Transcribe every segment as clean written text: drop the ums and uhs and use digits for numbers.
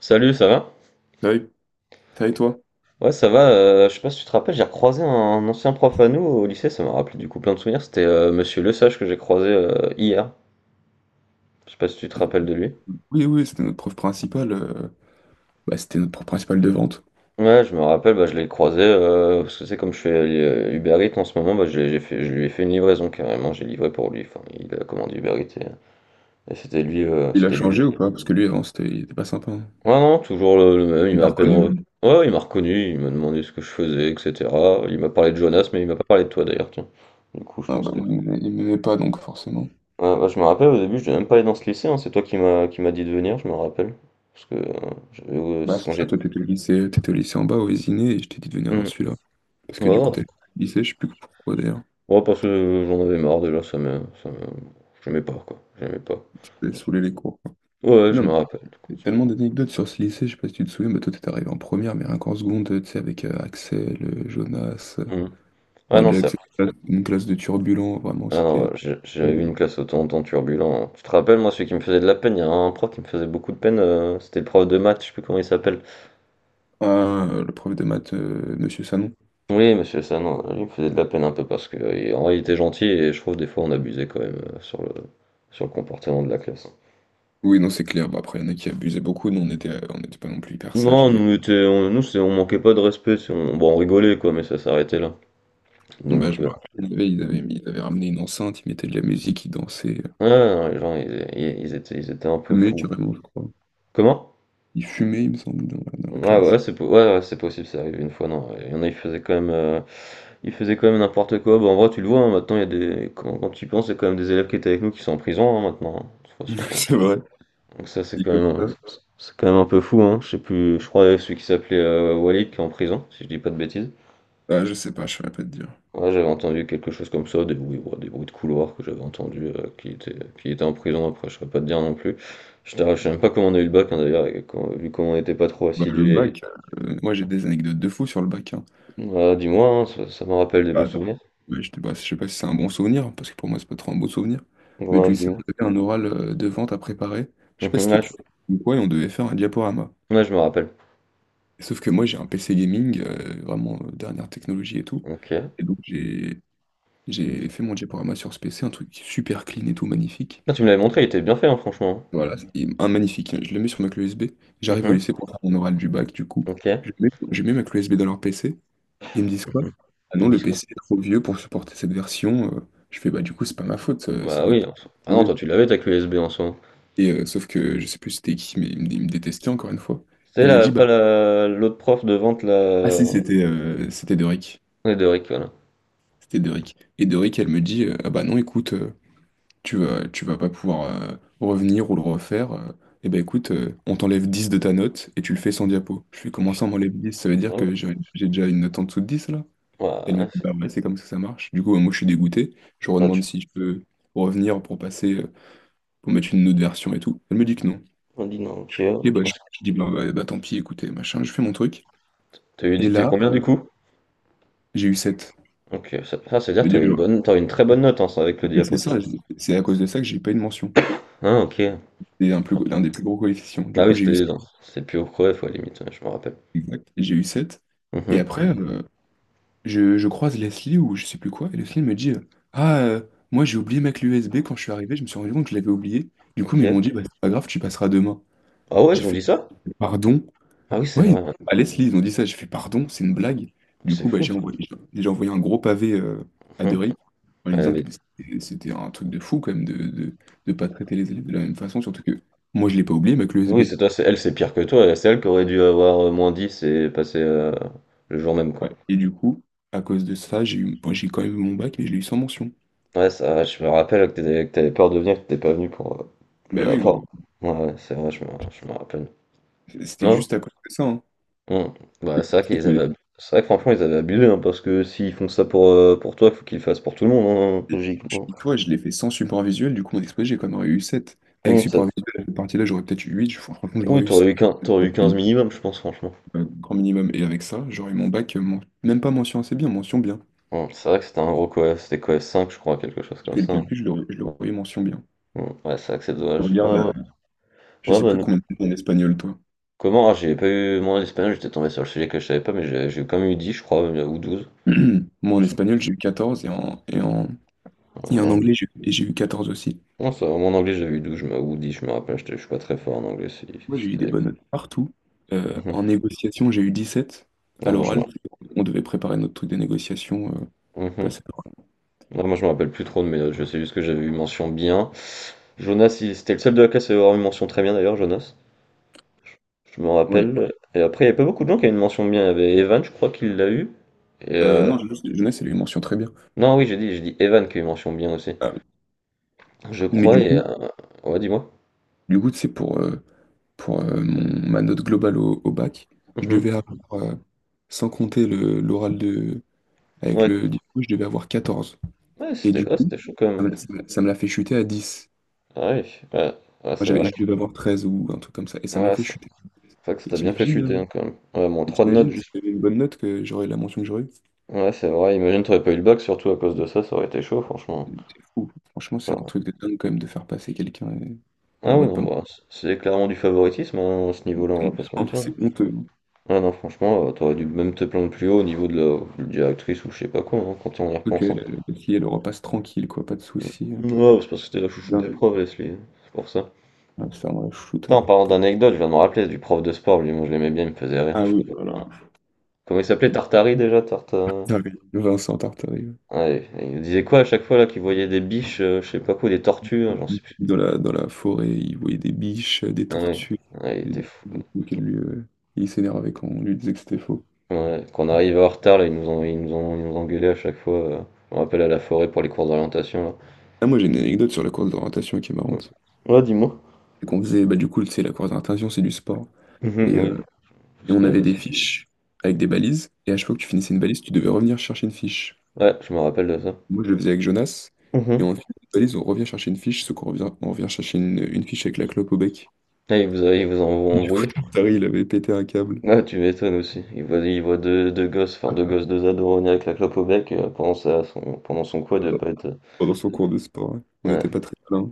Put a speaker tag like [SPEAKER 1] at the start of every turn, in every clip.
[SPEAKER 1] Salut, ça va?
[SPEAKER 2] Ah oui, ça et toi?
[SPEAKER 1] Ouais, ça va. Je sais pas si tu te rappelles, j'ai recroisé un ancien prof à nous au lycée, ça m'a rappelé du coup plein de souvenirs. C'était Monsieur Lesage que j'ai croisé hier. Je sais pas si tu te rappelles de lui.
[SPEAKER 2] Oui, oui, c'était notre prof principal. C'était notre prof principal de vente.
[SPEAKER 1] Ouais, je me rappelle, bah, je l'ai croisé parce que c'est comme je fais Uber Eats en ce moment, bah, j'ai fait, je lui ai fait une livraison carrément, j'ai livré pour lui. Enfin, il a commandé Uber Eats et,
[SPEAKER 2] Il a
[SPEAKER 1] c'était lui.
[SPEAKER 2] changé ou pas? Parce que lui, avant, c'était, il était pas sympa, hein.
[SPEAKER 1] Ouais, non, toujours le même, il
[SPEAKER 2] Il
[SPEAKER 1] m'a
[SPEAKER 2] t'a
[SPEAKER 1] à peine.
[SPEAKER 2] reconnu, non?
[SPEAKER 1] Ouais, il m'a reconnu, il m'a demandé ce que je faisais, etc. Il m'a parlé de Jonas, mais il m'a pas parlé de toi d'ailleurs, tiens. Du coup, je
[SPEAKER 2] Ah
[SPEAKER 1] pense
[SPEAKER 2] bah
[SPEAKER 1] que.
[SPEAKER 2] moi, il m'aimait pas, donc forcément.
[SPEAKER 1] Ouais, bah, je me rappelle au début, je devais même pas aller dans ce lycée, hein. C'est toi qui m'a dit de venir, je me rappelle. Parce que
[SPEAKER 2] Bah
[SPEAKER 1] c'est
[SPEAKER 2] c'est
[SPEAKER 1] quand
[SPEAKER 2] ça,
[SPEAKER 1] j'étais.
[SPEAKER 2] toi, t'étais au lycée en bas, au Vésinet, et je t'ai dit de venir dans
[SPEAKER 1] Hmm.
[SPEAKER 2] celui-là. Parce
[SPEAKER 1] Ouais,
[SPEAKER 2] que du coup,
[SPEAKER 1] ouais,
[SPEAKER 2] t'allais au lycée, je sais plus pourquoi d'ailleurs.
[SPEAKER 1] ouais, parce que j'en avais marre déjà, ça me. Ça me. J'aimais pas, quoi. J'aimais pas.
[SPEAKER 2] T'avais saoulé les cours, quoi.
[SPEAKER 1] Ouais, je
[SPEAKER 2] Non, mais
[SPEAKER 1] me rappelle.
[SPEAKER 2] il y a tellement d'anecdotes sur ce lycée, je sais pas si tu te souviens, mais toi, t'étais arrivé en première, mais rien qu'en seconde, tu sais, avec Axel, Jonas.
[SPEAKER 1] Hmm. Ah
[SPEAKER 2] Moi,
[SPEAKER 1] non,
[SPEAKER 2] déjà,
[SPEAKER 1] c'est
[SPEAKER 2] Axel,
[SPEAKER 1] après.
[SPEAKER 2] une classe de turbulents, vraiment,
[SPEAKER 1] Ah non, ouais,
[SPEAKER 2] c'était.
[SPEAKER 1] j'avais
[SPEAKER 2] euh,
[SPEAKER 1] eu une classe autant turbulente. Tu te rappelles, moi, celui qui me faisait de la peine, il y a un prof qui me faisait beaucoup de peine, c'était le prof de maths, je sais plus comment il s'appelle.
[SPEAKER 2] Ah, le prof de maths, Monsieur Sanon.
[SPEAKER 1] Oui, monsieur ça non, lui il me faisait de la peine un peu parce que, en vrai il était gentil et je trouve des fois on abusait quand même, sur le comportement de la classe, hein.
[SPEAKER 2] Oui, non, c'est clair. Bah après, il y en a qui abusaient beaucoup. Nous, on était, on n'était pas non plus hyper sages,
[SPEAKER 1] Non,
[SPEAKER 2] mais
[SPEAKER 1] nous on était on nous c'est on manquait pas de respect, c'est on bon on rigolait quoi, mais ça s'arrêtait là.
[SPEAKER 2] bah,
[SPEAKER 1] Donc,
[SPEAKER 2] je me rappelle, ils avaient ramené une enceinte, ils mettaient de la musique, ils dansaient. Ils
[SPEAKER 1] ouais, non, les gens ils étaient un peu
[SPEAKER 2] fumaient
[SPEAKER 1] fous.
[SPEAKER 2] carrément, je crois.
[SPEAKER 1] Comment?
[SPEAKER 2] Ils fumaient, il me semble, dans la
[SPEAKER 1] Ouais,
[SPEAKER 2] classe.
[SPEAKER 1] ouais, c'est po ouais, ouais, c'est possible, c'est arrivé une fois, non, il y en a ils faisaient quand même n'importe quoi. Bah, en vrai tu le vois, hein, maintenant il y a des quand quand tu y penses, il y a quand même des élèves qui étaient avec nous qui sont en prison, hein, maintenant, hein, de toute façon bon.
[SPEAKER 2] C'est vrai.
[SPEAKER 1] Donc ça
[SPEAKER 2] Dit comme ça.
[SPEAKER 1] c'est quand même un peu fou, hein. Je sais plus, je crois que celui qui s'appelait Walid qui est en prison, si je dis pas de bêtises.
[SPEAKER 2] Ah, je sais pas, je saurais pas te dire.
[SPEAKER 1] Ouais, j'avais entendu quelque chose comme ça, des bruits, ouais, des bruits de couloir que j'avais entendu qui était en prison après je saurais pas te dire non plus. Je t'avoue, sais même pas comment on a eu le bac, hein, d'ailleurs et vu comment on n'était pas trop
[SPEAKER 2] Bah le
[SPEAKER 1] assidus et
[SPEAKER 2] bac, moi j'ai des anecdotes de fou sur le bac, hein.
[SPEAKER 1] Ouais, dis-moi, hein, ça me rappelle des bons
[SPEAKER 2] Ah non.
[SPEAKER 1] souvenirs.
[SPEAKER 2] Ouais, je sais pas si c'est un bon souvenir, hein, parce que pour moi, c'est pas trop un beau souvenir. Mais du
[SPEAKER 1] Ouais,
[SPEAKER 2] lycée,
[SPEAKER 1] dis-moi.
[SPEAKER 2] on avait un oral de vente à préparer. Je sais pas si
[SPEAKER 1] Mhm,
[SPEAKER 2] c'était
[SPEAKER 1] ouais,
[SPEAKER 2] pour ou quoi, et on devait faire un diaporama.
[SPEAKER 1] je me rappelle.
[SPEAKER 2] Sauf que moi, j'ai un PC gaming, vraiment dernière technologie et tout.
[SPEAKER 1] OK.
[SPEAKER 2] Et donc, j'ai fait mon diaporama sur ce PC, un truc super clean et tout, magnifique.
[SPEAKER 1] Ah, tu me l'avais montré, il était bien fait, hein, franchement.
[SPEAKER 2] Voilà, et un magnifique, hein. Je le mets sur ma clé USB.
[SPEAKER 1] Hein.
[SPEAKER 2] J'arrive au
[SPEAKER 1] Mhm,
[SPEAKER 2] lycée pour faire mon oral du bac, du coup.
[SPEAKER 1] OK.
[SPEAKER 2] Je mets ma clé USB dans leur PC. Ils me disent quoi? Ah
[SPEAKER 1] Le
[SPEAKER 2] non, le
[SPEAKER 1] disque.
[SPEAKER 2] PC est trop vieux pour supporter cette version. Je fais, bah du coup, c'est pas ma faute, c'est
[SPEAKER 1] Bah
[SPEAKER 2] votre
[SPEAKER 1] oui, en
[SPEAKER 2] PC qui
[SPEAKER 1] soi.
[SPEAKER 2] est
[SPEAKER 1] Ah
[SPEAKER 2] trop
[SPEAKER 1] non, toi
[SPEAKER 2] vieux.
[SPEAKER 1] tu l'avais ta clé USB en soi.
[SPEAKER 2] Et sauf que je sais plus c'était qui, mais il me détestait encore une fois.
[SPEAKER 1] C'est
[SPEAKER 2] Elle me
[SPEAKER 1] la,
[SPEAKER 2] dit, bah,
[SPEAKER 1] pas la, l'autre prof de vente
[SPEAKER 2] ah
[SPEAKER 1] là,
[SPEAKER 2] si, c'était c'était Doric.
[SPEAKER 1] et de Rick, voilà.
[SPEAKER 2] C'était Doric. Et Doric, elle me dit, ah bah non, écoute, tu vas pas pouvoir revenir ou le refaire. Eh bah écoute, on t'enlève 10 de ta note et tu le fais sans diapo. Je fais,
[SPEAKER 1] Oh,
[SPEAKER 2] comment ça,
[SPEAKER 1] putain.
[SPEAKER 2] on m'enlève 10? Ça veut dire
[SPEAKER 1] Ouais,
[SPEAKER 2] que j'ai déjà une note en dessous de 10 là? Elle me
[SPEAKER 1] ouais,
[SPEAKER 2] dit, bah ouais, c'est comme ça que ça marche. Du coup, ouais, moi, je suis dégoûté. Je lui
[SPEAKER 1] ah,
[SPEAKER 2] redemande
[SPEAKER 1] tu
[SPEAKER 2] si je peux revenir pour passer, pour mettre une autre version et tout. Elle me dit que non.
[SPEAKER 1] on dit non, ok.
[SPEAKER 2] Et bah,
[SPEAKER 1] Parce que-
[SPEAKER 2] je dis, bah, bah, bah, tant pis, écoutez, machin, je fais mon truc.
[SPEAKER 1] T'as eu,
[SPEAKER 2] Et
[SPEAKER 1] dit- t'as eu
[SPEAKER 2] là,
[SPEAKER 1] combien du coup?
[SPEAKER 2] j'ai eu sept.
[SPEAKER 1] Ok, ça, ah, c'est-à-dire
[SPEAKER 2] Je veux
[SPEAKER 1] que
[SPEAKER 2] dire, genre,
[SPEAKER 1] t'as eu une très bonne note, hein, ça, avec le
[SPEAKER 2] oui, c'est
[SPEAKER 1] diapo.
[SPEAKER 2] ça, c'est à cause de ça que j'ai pas eu de mention.
[SPEAKER 1] Ah, ok.
[SPEAKER 2] C'est des plus gros coefficients. Du
[SPEAKER 1] Bah oui,
[SPEAKER 2] coup, j'ai eu 7.
[SPEAKER 1] c'était non, c'était plus au creux, fois limite, ouais, je me rappelle.
[SPEAKER 2] Exact. J'ai eu sept. Et
[SPEAKER 1] Mhm,
[SPEAKER 2] après, je croise Leslie ou je sais plus quoi. Et Leslie me dit, ah, euh, moi, j'ai oublié ma clé USB quand je suis arrivé. Je me suis rendu compte que je l'avais oubliée. Du coup, mais ils
[SPEAKER 1] Ok.
[SPEAKER 2] m'ont dit, bah, c'est pas grave, tu passeras demain.
[SPEAKER 1] Ah ouais,
[SPEAKER 2] J'ai
[SPEAKER 1] ils ont
[SPEAKER 2] fait
[SPEAKER 1] dit ça?
[SPEAKER 2] pardon?
[SPEAKER 1] Ah oui, c'est
[SPEAKER 2] Ouais,
[SPEAKER 1] vrai, ouais.
[SPEAKER 2] à Leslie, ils ont dit ça. J'ai fait pardon, c'est une blague. Du
[SPEAKER 1] C'est
[SPEAKER 2] coup, bah,
[SPEAKER 1] fou.
[SPEAKER 2] j'ai envoyé un gros pavé à
[SPEAKER 1] Mhm.
[SPEAKER 2] Doric en lui
[SPEAKER 1] Elle
[SPEAKER 2] disant que
[SPEAKER 1] avait-
[SPEAKER 2] c'était un truc de fou quand même de pas traiter les élèves de la même façon, surtout que moi, je l'ai pas oublié, mais que le
[SPEAKER 1] Oui,
[SPEAKER 2] SB.
[SPEAKER 1] c'est toi, c'est elle, c'est pire que toi. C'est elle qui aurait dû avoir moins 10 et passer le jour même, quoi.
[SPEAKER 2] Ouais. Et du coup, à cause de ça, j'ai eu, bon, j'ai quand même eu mon bac, mais je l'ai eu sans mention.
[SPEAKER 1] Ouais, ça je me rappelle que que t'avais peur de venir, que t'étais pas venu pour
[SPEAKER 2] Bah
[SPEAKER 1] la
[SPEAKER 2] oui,
[SPEAKER 1] fin
[SPEAKER 2] gros,
[SPEAKER 1] Ouais, ouais, c'est vrai, je me rappelle.
[SPEAKER 2] c'était
[SPEAKER 1] Non,
[SPEAKER 2] juste à cause de ça, hein.
[SPEAKER 1] non. Bah,
[SPEAKER 2] Et
[SPEAKER 1] c'est vrai que franchement, ils avaient abusé, hein, parce que s'ils font ça pour toi, il faut qu'ils le fassent pour tout le monde, hein,
[SPEAKER 2] et je
[SPEAKER 1] logiquement.
[SPEAKER 2] dis, toi, je l'ai fait sans support visuel, du coup, mon exposé, j'ai quand même eu 7. Avec
[SPEAKER 1] Hum.
[SPEAKER 2] support visuel, à cette partie-là, j'aurais peut-être eu 8. Franchement, j'aurais
[SPEAKER 1] Oui,
[SPEAKER 2] eu
[SPEAKER 1] t'aurais
[SPEAKER 2] 7,
[SPEAKER 1] eu 15, t'aurais eu 15 minimum, je pense, franchement.
[SPEAKER 2] grand minimum. Et avec ça, j'aurais mon bac, même pas mention assez bien, mention bien.
[SPEAKER 1] C'est vrai que c'était un gros coef, c'était coef 5, je crois, quelque chose
[SPEAKER 2] Je
[SPEAKER 1] comme
[SPEAKER 2] fais le
[SPEAKER 1] ça, hein.
[SPEAKER 2] calcul, je l'aurais mention bien.
[SPEAKER 1] Ouais, c'est vrai que c'est
[SPEAKER 2] Je
[SPEAKER 1] dommage. Ouais,
[SPEAKER 2] regarde,
[SPEAKER 1] ouais.
[SPEAKER 2] à- je
[SPEAKER 1] Ouais,
[SPEAKER 2] sais
[SPEAKER 1] bah,
[SPEAKER 2] plus combien de en espagnol, toi.
[SPEAKER 1] comment? Ah, j'ai pas eu, moi, l'espagnol, j'étais tombé sur le sujet que je savais pas, mais j'ai quand même eu dix, je crois, ou 12
[SPEAKER 2] Moi, en
[SPEAKER 1] Je sais
[SPEAKER 2] espagnol, j'ai eu 14
[SPEAKER 1] pas.
[SPEAKER 2] et en
[SPEAKER 1] Donc,
[SPEAKER 2] anglais, j'ai eu 14 aussi.
[SPEAKER 1] Non, ça mon anglais, j'avais eu 12, ou 10, je me rappelle, je suis pas très fort en anglais. Si,
[SPEAKER 2] Moi, j'ai eu des
[SPEAKER 1] c'était-
[SPEAKER 2] bonnes notes partout.
[SPEAKER 1] Mhm.
[SPEAKER 2] En négociation, j'ai eu 17 À
[SPEAKER 1] Non, moi.
[SPEAKER 2] l'oral, on devait préparer notre truc de négociation,
[SPEAKER 1] Mhm.
[SPEAKER 2] passer à
[SPEAKER 1] Non, moi, je me rappelle plus trop de mes notes, je sais juste que j'avais eu mention bien. Jonas, c'était le seul de la classe à avoir une mention très bien d'ailleurs, Jonas, je me
[SPEAKER 2] l'oral, ouais.
[SPEAKER 1] rappelle. Et après, il n'y a pas beaucoup de gens qui avaient une mention bien, il y avait Evan, je crois qu'il l'a eu. Et euh,
[SPEAKER 2] Non, jeunesse, elle a eu mention très bien.
[SPEAKER 1] Non, oui, j'ai dit Evan qui a eu mention bien aussi,
[SPEAKER 2] Ah,
[SPEAKER 1] je
[SPEAKER 2] mais
[SPEAKER 1] crois, Ouais, dis-moi.
[SPEAKER 2] du coup, c'est pour, mon, ma note globale au, au bac. Je
[SPEAKER 1] Mhm.
[SPEAKER 2] devais avoir, sans compter le, l'oral de, avec
[SPEAKER 1] Ouais,
[SPEAKER 2] le diplôme, je devais avoir 14.
[SPEAKER 1] ouais,
[SPEAKER 2] Et
[SPEAKER 1] c'était
[SPEAKER 2] du
[SPEAKER 1] quoi,
[SPEAKER 2] coup,
[SPEAKER 1] c'était chaud quand même.
[SPEAKER 2] ça me l'a fait chuter à dix.
[SPEAKER 1] Ah oui, ouais, ouais,
[SPEAKER 2] Moi,
[SPEAKER 1] c'est
[SPEAKER 2] j'avais,
[SPEAKER 1] vrai
[SPEAKER 2] je
[SPEAKER 1] que...
[SPEAKER 2] devais avoir 13 ou un truc comme ça. Et ça me l'a
[SPEAKER 1] Ouais,
[SPEAKER 2] fait
[SPEAKER 1] c'est
[SPEAKER 2] chuter.
[SPEAKER 1] c'est vrai que ça
[SPEAKER 2] Et
[SPEAKER 1] t'a bien fait
[SPEAKER 2] t'imagines,
[SPEAKER 1] chuter, hein, quand même. Ouais, moins 3 de notes
[SPEAKER 2] t'imagines si j'avais une bonne note que j'aurais la mention que j'aurais eue?
[SPEAKER 1] Ouais, c'est vrai, imagine, t'aurais pas eu le bac, surtout à cause de ça, ça aurait été chaud, franchement.
[SPEAKER 2] C'est fou. Franchement, c'est un
[SPEAKER 1] Alors,
[SPEAKER 2] truc de dingue quand même de faire passer quelqu'un et
[SPEAKER 1] Ah oui,
[SPEAKER 2] moi de
[SPEAKER 1] non,
[SPEAKER 2] pas me-
[SPEAKER 1] bah, c'est clairement du favoritisme, hein, à ce niveau-là, on va pas se
[SPEAKER 2] Vraiment,
[SPEAKER 1] mentir, hein.
[SPEAKER 2] c'est honteux.
[SPEAKER 1] Ah non, franchement, t'aurais dû même te plaindre plus haut au niveau de la directrice ou je sais pas quoi, hein, quand on y
[SPEAKER 2] Faut que
[SPEAKER 1] repense, hein.
[SPEAKER 2] la fille, elle repasse tranquille, quoi, pas de soucis.
[SPEAKER 1] Mm. Ouais, c'est parce que c'était la chouchoute des
[SPEAKER 2] Dingue.
[SPEAKER 1] profs, Leslie, hein, c'est pour ça.
[SPEAKER 2] Ah, ça, on la shoot,
[SPEAKER 1] Putain,
[SPEAKER 2] hein.
[SPEAKER 1] en parlant
[SPEAKER 2] Pour-
[SPEAKER 1] d'anecdote, je viens de me rappeler du prof de sport, lui, moi je l'aimais bien, il me faisait rire.
[SPEAKER 2] Ah
[SPEAKER 1] Je sais
[SPEAKER 2] oui,
[SPEAKER 1] pas.
[SPEAKER 2] voilà.
[SPEAKER 1] Comment il s'appelait, Tartari déjà,
[SPEAKER 2] Ah oui, Vincent Tartari, ouais.
[SPEAKER 1] Ouais, il nous disait quoi à chaque fois là qu'il voyait des biches, je sais pas quoi, des tortues, hein, j'en sais plus.
[SPEAKER 2] Dans la forêt, il voyait des biches, des
[SPEAKER 1] Ouais,
[SPEAKER 2] tortues.
[SPEAKER 1] ouais, il
[SPEAKER 2] Et
[SPEAKER 1] était fou.
[SPEAKER 2] du coup, il s'énervait quand on lui disait que c'était faux.
[SPEAKER 1] Ouais, quand on arrivait en retard, là, ils nous ont, ils nous ont, ils nous ont engueulaient à chaque fois. Je me rappelle à la forêt pour les cours d'orientation, là.
[SPEAKER 2] Ah, moi, j'ai une anecdote sur la course d'orientation qui est
[SPEAKER 1] Ouais,
[SPEAKER 2] marrante.
[SPEAKER 1] ouais, dis-moi.
[SPEAKER 2] C'est qu'on faisait, bah du coup, tu sais, la course d'orientation, c'est du sport.
[SPEAKER 1] Mhm,
[SPEAKER 2] Et,
[SPEAKER 1] oui, parce
[SPEAKER 2] on
[SPEAKER 1] que là,
[SPEAKER 2] avait
[SPEAKER 1] je
[SPEAKER 2] des
[SPEAKER 1] sais.
[SPEAKER 2] fiches avec des balises. Et à chaque fois que tu finissais une balise, tu devais revenir chercher une fiche.
[SPEAKER 1] Ouais, je me rappelle de ça.
[SPEAKER 2] Moi, je le faisais avec Jonas. Et on
[SPEAKER 1] Mhm.
[SPEAKER 2] finit une balise, on revient chercher une fiche, ce qu'on revient, on revient chercher une fiche avec la clope au bec.
[SPEAKER 1] Ah, ils vous ont
[SPEAKER 2] Et du coup,
[SPEAKER 1] embrouillé?
[SPEAKER 2] Tartari, il avait pété un câble.
[SPEAKER 1] Ah, tu m'étonnes aussi. Il voit deux gosses, enfin deux gosses, deux ados revenir avec la clope au bec pendant son quad, de pas être.
[SPEAKER 2] Pendant son cours de sport, ouais. On
[SPEAKER 1] Ouais.
[SPEAKER 2] n'était pas très malin.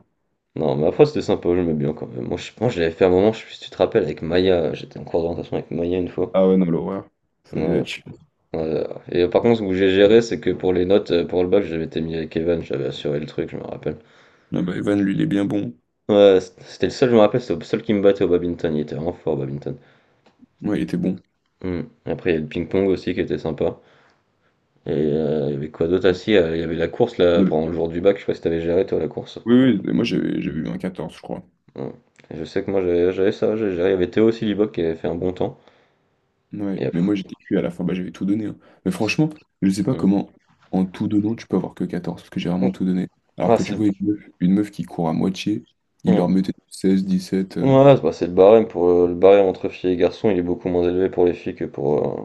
[SPEAKER 1] Non, mais après, c'était sympa, je me bien quand même. Moi, je l'avais fait un moment, je sais pas si tu te rappelles, avec Maya, j'étais en cours d'orientation avec Maya une fois.
[SPEAKER 2] Ah ouais, non, l'horreur. Ça devait
[SPEAKER 1] Ouais,
[SPEAKER 2] être chiant.
[SPEAKER 1] ouais. Et par contre, ce que j'ai géré, c'est que pour les notes, pour le bac, j'avais été mis avec Evan, j'avais assuré le truc, je me rappelle.
[SPEAKER 2] Ah bah, Evan, lui, il est bien bon.
[SPEAKER 1] Ouais, c'était le seul, je me rappelle, c'était le seul qui me battait au badminton, il était vraiment fort au badminton.
[SPEAKER 2] Ouais, il était bon.
[SPEAKER 1] Hmm. Après, il y a le ping-pong aussi qui était sympa. Et il y avait quoi d'autre? Ah
[SPEAKER 2] Ouais.
[SPEAKER 1] si, il y avait la course
[SPEAKER 2] On
[SPEAKER 1] là,
[SPEAKER 2] avait-
[SPEAKER 1] pendant le jour du bac, je sais pas si t'avais géré toi la course.
[SPEAKER 2] Oui, oui, mais moi j'avais eu un 14 je crois.
[SPEAKER 1] Hmm. Et je sais que moi j'avais ça, j'ai géré. Il y avait Théo aussi, Liboc, qui avait fait un bon temps. Et
[SPEAKER 2] Ouais, mais moi
[SPEAKER 1] après.
[SPEAKER 2] j'étais cuit à la fin, bah j'avais tout donné, hein. Mais franchement, je sais pas
[SPEAKER 1] Hmm.
[SPEAKER 2] comment, en tout donnant, tu peux avoir que 14 parce que j'ai
[SPEAKER 1] Hmm.
[SPEAKER 2] vraiment tout donné. Alors
[SPEAKER 1] Ah,
[SPEAKER 2] que
[SPEAKER 1] c'est
[SPEAKER 2] tu
[SPEAKER 1] le.
[SPEAKER 2] vois une meuf qui court à moitié, il
[SPEAKER 1] Hmm.
[SPEAKER 2] leur mettait 16, 17.
[SPEAKER 1] Ouais, c'est le barème pour le barème entre filles et garçons, il est beaucoup moins élevé pour les filles que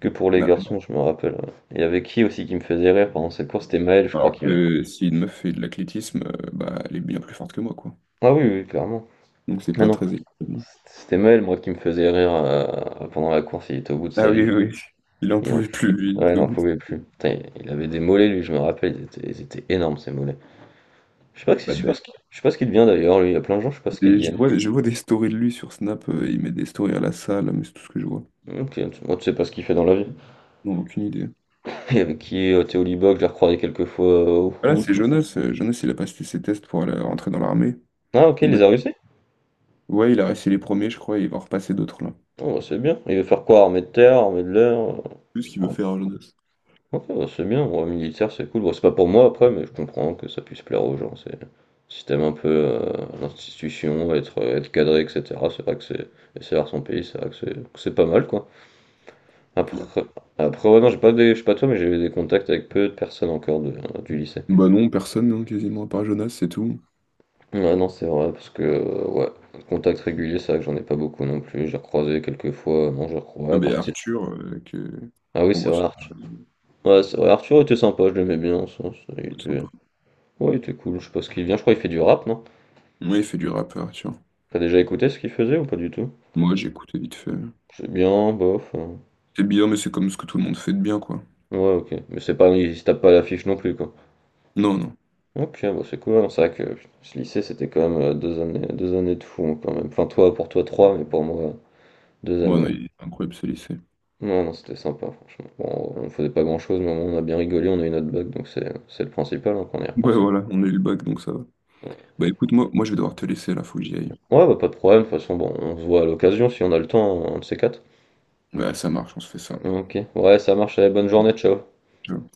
[SPEAKER 1] que pour les
[SPEAKER 2] Ah ouais.
[SPEAKER 1] garçons, je me rappelle. Ouais. Il y avait qui aussi qui me faisait rire pendant cette course? C'était Maël, je crois
[SPEAKER 2] Alors
[SPEAKER 1] qui me...
[SPEAKER 2] que si une meuf fait de l'athlétisme, bah elle est bien plus forte que moi, quoi.
[SPEAKER 1] Ah oui, oui, clairement.
[SPEAKER 2] Donc c'est
[SPEAKER 1] Ah
[SPEAKER 2] pas
[SPEAKER 1] non,
[SPEAKER 2] très équitable.
[SPEAKER 1] c'était Maël, moi, qui me faisait rire pendant la course. Il était au bout de
[SPEAKER 2] Ah
[SPEAKER 1] sa
[SPEAKER 2] oui,
[SPEAKER 1] vie.
[SPEAKER 2] oui, oui. Il en
[SPEAKER 1] Il en.
[SPEAKER 2] pouvait plus, lui, il
[SPEAKER 1] Ouais,
[SPEAKER 2] était
[SPEAKER 1] il
[SPEAKER 2] au
[SPEAKER 1] en
[SPEAKER 2] bout.
[SPEAKER 1] pouvait plus. Putain, il avait des mollets, lui, je me rappelle. Ils étaient énormes, ces mollets. Je
[SPEAKER 2] Bah,
[SPEAKER 1] sais pas ce qu'il devient d'ailleurs, lui. Il y a plein de gens, je sais pas ce qu'ils deviennent.
[SPEAKER 2] je vois des stories de lui sur Snap, il met des stories à la salle, mais c'est tout ce que je vois.
[SPEAKER 1] Ok, moi, tu sais pas ce qu'il fait dans la vie.
[SPEAKER 2] Non, aucune idée.
[SPEAKER 1] Il y avait qui? Théo Libac, je l'ai recroisé quelques fois au
[SPEAKER 2] Voilà,
[SPEAKER 1] foot.
[SPEAKER 2] c'est Jonas. Euh, Jonas, il a passé ses tests pour aller rentrer dans l'armée.
[SPEAKER 1] Ah, ok,
[SPEAKER 2] Il
[SPEAKER 1] il
[SPEAKER 2] m'a-
[SPEAKER 1] les a réussi?
[SPEAKER 2] Ouais, il a réussi les premiers, je crois, et il va repasser d'autres là.
[SPEAKER 1] Oh, bah, c'est bien. Il veut faire quoi? Armée de terre, armée de l'air?
[SPEAKER 2] Tout ce qu'il veut
[SPEAKER 1] euh,
[SPEAKER 2] faire, Jonas.
[SPEAKER 1] OK, ouais, c'est bien, ouais, militaire, c'est cool. Bon, c'est pas pour moi après, mais je comprends que ça puisse plaire aux gens. C'est un système un peu l'institution, être cadré, etc. C'est vrai que c'est et servir son pays, c'est vrai que c'est pas mal quoi.
[SPEAKER 2] C'est clair.
[SPEAKER 1] Après, après, ouais, non, j'ai pas des, je sais pas toi, mais j'ai eu des contacts avec peu de personnes encore du lycée.
[SPEAKER 2] Bah non, personne, hein, quasiment, à part Jonas, c'est tout.
[SPEAKER 1] Ouais, non, c'est vrai, parce que ouais, contact régulier, c'est vrai que j'en ai pas beaucoup non plus. J'ai recroisé quelques fois, non, j'ai recroisé
[SPEAKER 2] Ah
[SPEAKER 1] à
[SPEAKER 2] bah,
[SPEAKER 1] partir.
[SPEAKER 2] Arthur, que...
[SPEAKER 1] Ah oui,
[SPEAKER 2] qu'on
[SPEAKER 1] c'est
[SPEAKER 2] voit sur...
[SPEAKER 1] vrai, Arthur. Ouais, c'est vrai, Arthur était sympa, je l'aimais bien en sens. Il
[SPEAKER 2] Ouais,
[SPEAKER 1] était...
[SPEAKER 2] sympa.
[SPEAKER 1] Ouais, il était cool, je sais pas ce qu'il vient, je crois qu'il fait du rap, non?
[SPEAKER 2] Ouais, il fait du rap, Arthur.
[SPEAKER 1] T'as déjà écouté ce qu'il faisait ou pas du tout?
[SPEAKER 2] Moi, j'écoutais vite fait.
[SPEAKER 1] C'est bien, bof.
[SPEAKER 2] C'est bien, mais c'est comme ce que tout le monde fait de bien, quoi.
[SPEAKER 1] Ouais, ok. Mais c'est pas, il se tape pas à l'affiche non plus, quoi.
[SPEAKER 2] Non, non.
[SPEAKER 1] Ok, bah c'est cool, hein. C'est vrai que putain, ce lycée, c'était quand même deux années de fou, hein, quand même. Enfin, toi, pour toi, trois, mais pour moi, deux
[SPEAKER 2] Bon,
[SPEAKER 1] années,
[SPEAKER 2] non,
[SPEAKER 1] hein.
[SPEAKER 2] il est incroyable, ce lycée.
[SPEAKER 1] Non, non, c'était sympa, franchement. Bon, on faisait pas grand-chose, mais au moins, on a bien rigolé, on a eu notre bac, donc c'est le principal, hein, quand on y
[SPEAKER 2] Ouais,
[SPEAKER 1] repense, hein.
[SPEAKER 2] voilà, on a eu le bac, donc ça va. Bah écoute, moi je vais devoir te laisser là, faut que j'y aille.
[SPEAKER 1] Ouais, bah pas de problème. De toute façon, bon, on se voit à l'occasion si on a le temps, hein, un de ces quatre.
[SPEAKER 2] Ouais, ça marche, on se fait ça.
[SPEAKER 1] Ok. Ouais, ça marche. Allez, bonne journée, ciao.
[SPEAKER 2] Ciao.